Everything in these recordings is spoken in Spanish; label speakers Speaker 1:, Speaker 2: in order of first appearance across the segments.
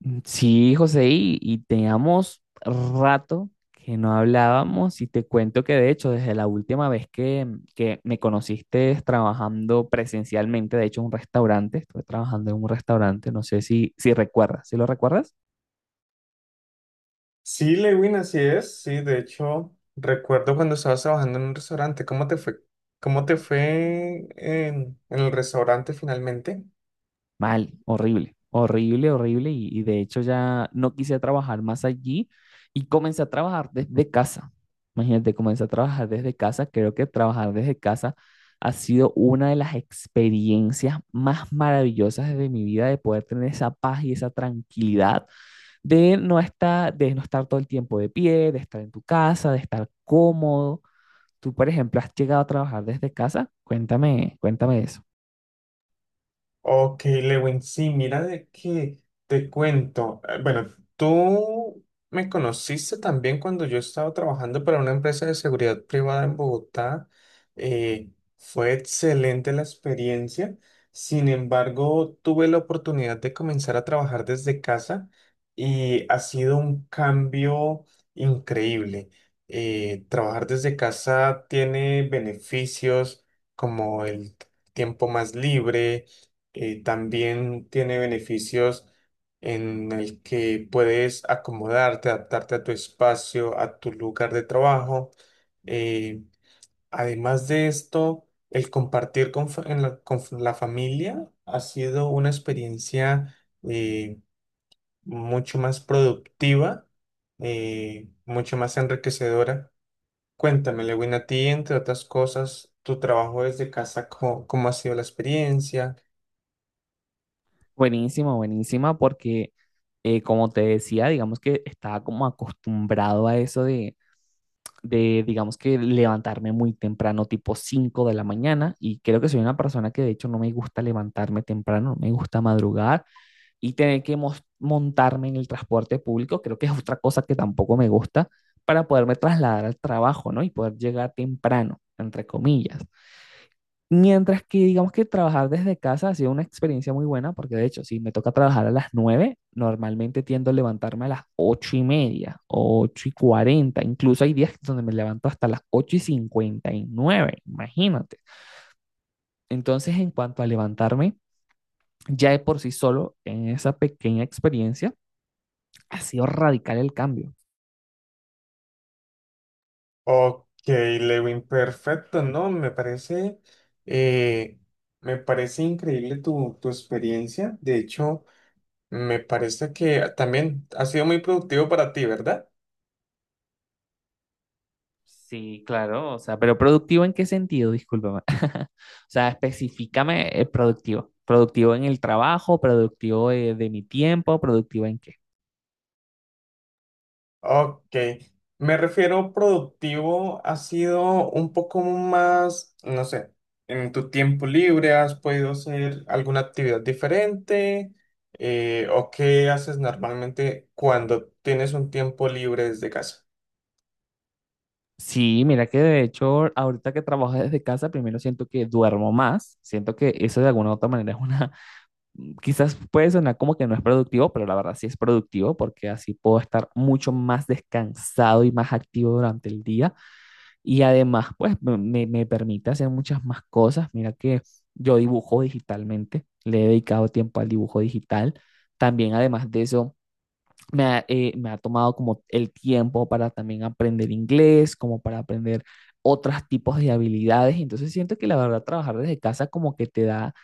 Speaker 1: Mm, sí, José, y teníamos rato que no hablábamos y te cuento que de hecho desde la última vez que me conociste trabajando presencialmente, de hecho en un restaurante, estuve trabajando en un restaurante, no sé si recuerdas, ¿sí lo recuerdas?
Speaker 2: Sí, Lewin, así es. Sí, de hecho, recuerdo cuando estabas trabajando en un restaurante, ¿cómo te fue? ¿Cómo te fue en, el restaurante finalmente?
Speaker 1: Mal, horrible, horrible, horrible. Y de hecho ya no quise trabajar más allí y comencé a trabajar desde casa. Imagínate, comencé a trabajar desde casa. Creo que trabajar desde casa ha sido una de las experiencias más maravillosas de mi vida, de poder tener esa paz y esa tranquilidad de no estar todo el tiempo de pie, de estar en tu casa, de estar cómodo. Tú, por ejemplo, has llegado a trabajar desde casa. Cuéntame, cuéntame eso.
Speaker 2: Ok, Lewin, sí, mira de qué te cuento. Bueno, tú me conociste también cuando yo estaba trabajando para una empresa de seguridad privada en Bogotá. Eh, Fue excelente la experiencia. Sin embargo, tuve la oportunidad de comenzar a trabajar desde casa y ha sido un cambio increíble. Trabajar desde casa tiene beneficios como el tiempo más libre, también tiene beneficios en el que puedes acomodarte, adaptarte a tu espacio, a tu lugar de trabajo. Eh, Además de esto, el compartir en la, con la familia ha sido una experiencia, eh, mucho más productiva, mucho más enriquecedora. Cuéntame, Lewin, a ti, entre otras cosas, tu trabajo desde casa, ¿cómo ha sido la experiencia?
Speaker 1: Buenísima, buenísima, porque como te decía, digamos que estaba como acostumbrado a digamos que levantarme muy temprano, tipo 5 de la mañana, y creo que soy una persona que de hecho no me gusta levantarme temprano, no me gusta madrugar y tener que montarme en el transporte público, creo que es otra cosa que tampoco me gusta para poderme trasladar al trabajo, ¿no? Y poder llegar temprano, entre comillas. Mientras que digamos que trabajar desde casa ha sido una experiencia muy buena, porque de hecho, si me toca trabajar a las 9 normalmente tiendo a levantarme a las 8 y media, 8 y 40, incluso hay días donde me levanto hasta las 8 y 59, imagínate. Entonces, en cuanto a levantarme, ya de por sí solo, en esa pequeña experiencia, ha sido radical el cambio.
Speaker 2: Ok, Lewin, perfecto, ¿no? Eh, me parece increíble tu experiencia. De hecho, me parece que también ha sido muy productivo para ti, ¿verdad?
Speaker 1: Sí, claro, o sea, pero productivo en qué sentido, discúlpame. O sea, especificame productivo. Productivo en el trabajo, productivo de mi tiempo, productivo en qué.
Speaker 2: Ok, me refiero productivo, ha sido un poco más, no sé, en tu tiempo libre, ¿has podido hacer alguna actividad diferente? ¿O qué haces normalmente cuando tienes un tiempo libre desde casa?
Speaker 1: Sí, mira que de hecho, ahorita que trabajo desde casa, primero siento que duermo más. Siento que eso de alguna u otra manera es una, quizás puede sonar como que no es productivo, pero la verdad sí es productivo porque así puedo estar mucho más descansado y más activo durante el día. Y además, pues me permite hacer muchas más cosas. Mira que yo dibujo digitalmente, le he dedicado tiempo al dibujo digital. También, además de eso, me ha tomado como el tiempo para también aprender inglés, como para aprender otros tipos de habilidades. Entonces siento que la verdad trabajar desde casa como que te da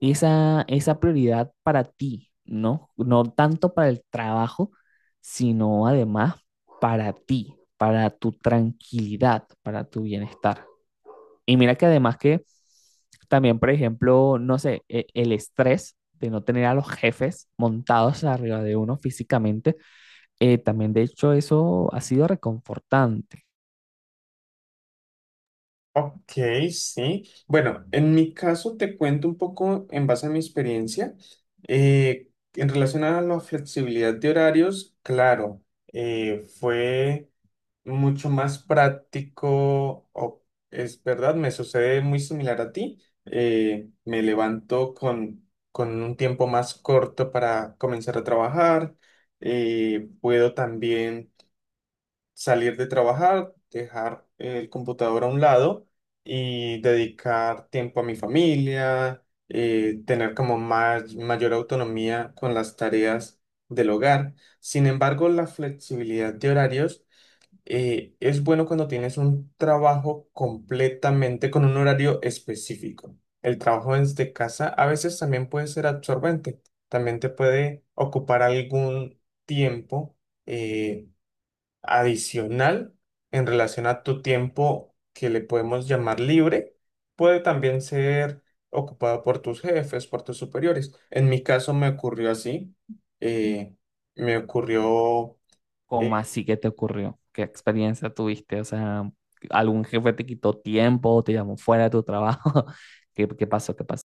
Speaker 1: esa prioridad para ti, ¿no? No tanto para el trabajo, sino además para ti, para tu tranquilidad, para tu bienestar. Y mira que además que también, por ejemplo, no sé, el estrés de no tener a los jefes montados arriba de uno físicamente también, de hecho, eso ha sido reconfortante.
Speaker 2: Ok, sí. Bueno, en mi caso te cuento un poco en base a mi experiencia. En relación a la flexibilidad de horarios, claro, fue mucho más práctico, es verdad, me sucede muy similar a ti. Me levanto con un tiempo más corto para comenzar a trabajar. Puedo también salir de trabajar, dejar el computador a un lado y dedicar tiempo a mi familia, tener como más, mayor autonomía con las tareas del hogar. Sin embargo, la flexibilidad de horarios, es bueno cuando tienes un trabajo completamente con un horario específico. El trabajo desde casa a veces también puede ser absorbente, también te puede ocupar algún tiempo eh, adicional en relación a tu tiempo que le podemos llamar libre, puede también ser ocupado por tus jefes, por tus superiores. En mi caso me ocurrió así, eh, me ocurrió,
Speaker 1: ¿Cómo
Speaker 2: eh,
Speaker 1: así que te ocurrió? ¿Qué experiencia tuviste? O sea, ¿algún jefe te quitó tiempo, te llamó fuera de tu trabajo? ¿Qué, qué pasó? ¿Qué pasó?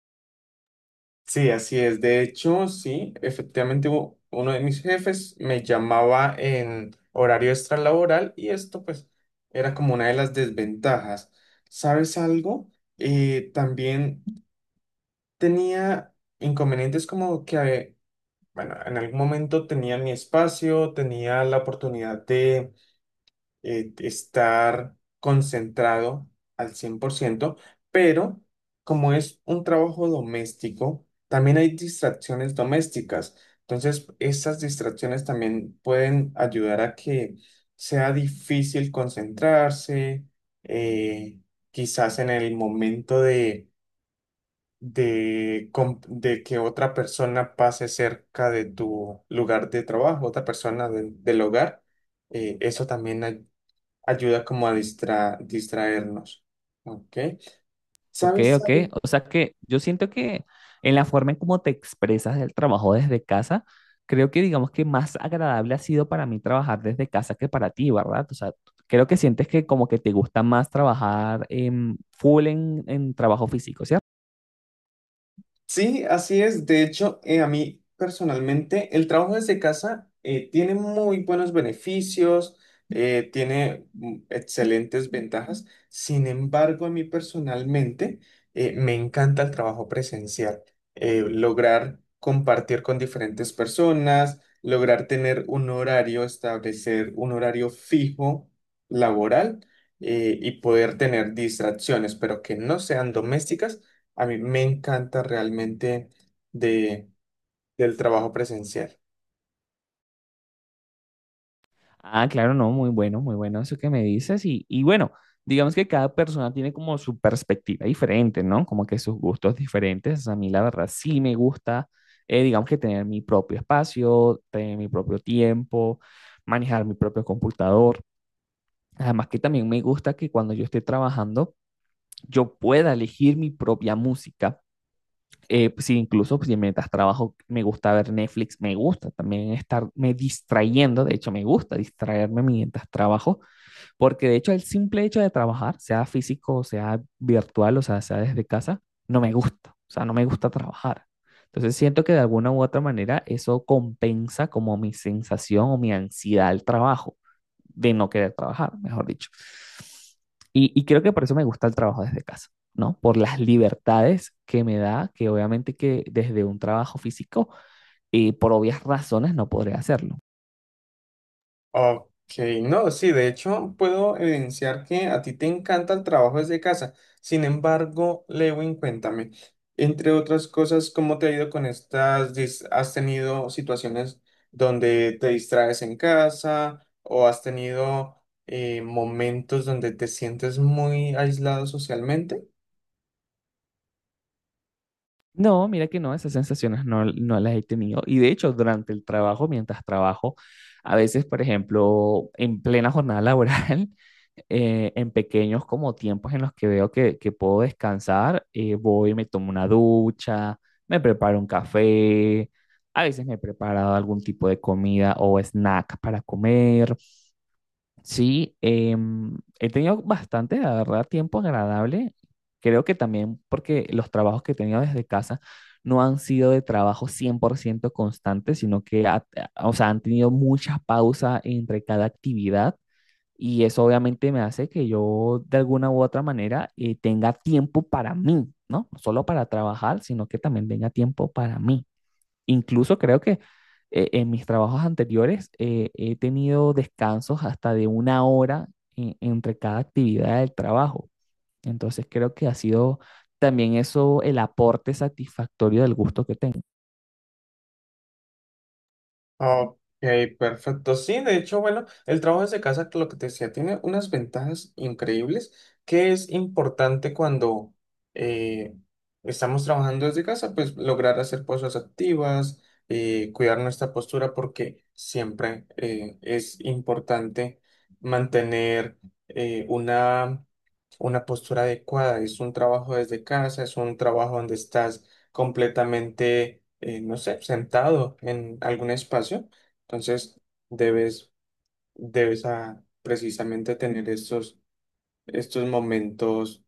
Speaker 2: sí, así es. De hecho, sí, efectivamente uno de mis jefes me llamaba en horario extralaboral y esto pues era como una de las desventajas. ¿Sabes algo? También tenía inconvenientes como que, bueno, en algún momento tenía mi espacio, tenía la oportunidad de estar concentrado al cien por ciento, pero como es un trabajo doméstico, también hay distracciones domésticas. Entonces, esas distracciones también pueden ayudar a que sea difícil concentrarse, eh, quizás en el momento de de que otra persona pase cerca de tu lugar de trabajo, otra persona del hogar, eso también ayuda como a distraernos. ¿Ok?
Speaker 1: Ok,
Speaker 2: ¿Sabes?
Speaker 1: ok. O sea que yo siento que en la forma en cómo te expresas del trabajo desde casa, creo que digamos que más agradable ha sido para mí trabajar desde casa que para ti, ¿verdad? O sea, creo que sientes que como que te gusta más trabajar en full en trabajo físico, ¿cierto?
Speaker 2: Sí, así es. De hecho, a mí personalmente el trabajo desde casa, tiene muy buenos beneficios, tiene mm, excelentes ventajas. Sin embargo, a mí personalmente, me encanta el trabajo presencial. Lograr compartir con diferentes personas, lograr tener un horario, establecer un horario fijo laboral, y poder tener distracciones, pero que no sean domésticas, a mí me encanta realmente de, del trabajo presencial.
Speaker 1: Ah, claro, no, muy bueno, muy bueno eso que me dices. Y bueno, digamos que cada persona tiene como su perspectiva diferente, ¿no? Como que sus gustos diferentes. A mí, la verdad, sí me gusta, digamos que tener mi propio espacio, tener mi propio tiempo, manejar mi propio computador. Además que también me gusta que cuando yo esté trabajando, yo pueda elegir mi propia música. Sí, incluso pues, si mientras trabajo me gusta ver Netflix, me gusta también estarme distrayendo, de hecho me gusta distraerme mientras trabajo porque de hecho el simple hecho de trabajar, sea físico, sea virtual, o sea, sea desde casa, no me gusta. O sea, no me gusta trabajar. Entonces siento que de alguna u otra manera eso compensa como mi sensación o mi ansiedad al trabajo, de no querer trabajar, mejor dicho. Y creo que por eso me gusta el trabajo desde casa, ¿no? Por las libertades que me da, que obviamente que desde un trabajo físico, por obvias razones, no podré hacerlo.
Speaker 2: Ok, no, sí, de hecho puedo evidenciar que a ti te encanta el trabajo desde casa. Sin embargo, Lewin, cuéntame, entre otras cosas, ¿cómo te ha ido con estas? ¿Has tenido situaciones donde te distraes en casa o has tenido, momentos donde te sientes muy aislado socialmente?
Speaker 1: No, mira que no, esas sensaciones no, no las he tenido. Y de hecho, durante el trabajo, mientras trabajo, a veces, por ejemplo, en plena jornada laboral, en pequeños como tiempos en los que veo que puedo descansar, voy, y me tomo una ducha, me preparo un café, a veces me he preparado algún tipo de comida o snack para comer. Sí, he tenido bastante, la verdad, tiempo agradable. Creo que también porque los trabajos que he tenido desde casa no han sido de trabajo 100% constante, sino que o sea, han tenido muchas pausas entre cada actividad y eso obviamente me hace que yo de alguna u otra manera tenga tiempo para mí, ¿no? No solo para trabajar, sino que también tenga tiempo para mí. Incluso creo que en mis trabajos anteriores he tenido descansos hasta de 1 hora entre cada actividad del trabajo. Entonces creo que ha sido también eso el aporte satisfactorio del gusto que tengo.
Speaker 2: Ok, perfecto. Sí, de hecho, bueno, el trabajo desde casa, lo que te decía, tiene unas ventajas increíbles que es importante cuando eh, estamos trabajando desde casa, pues lograr hacer cosas activas, cuidar nuestra postura, porque siempre es importante mantener, eh, una una postura adecuada. Es un trabajo desde casa, es un trabajo donde estás completamente, no sé, sentado en algún espacio. Entonces, debes, debes ah, precisamente tener estos momentos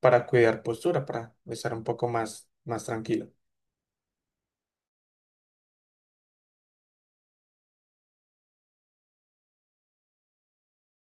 Speaker 2: para cuidar postura, para estar un poco más, más tranquilo.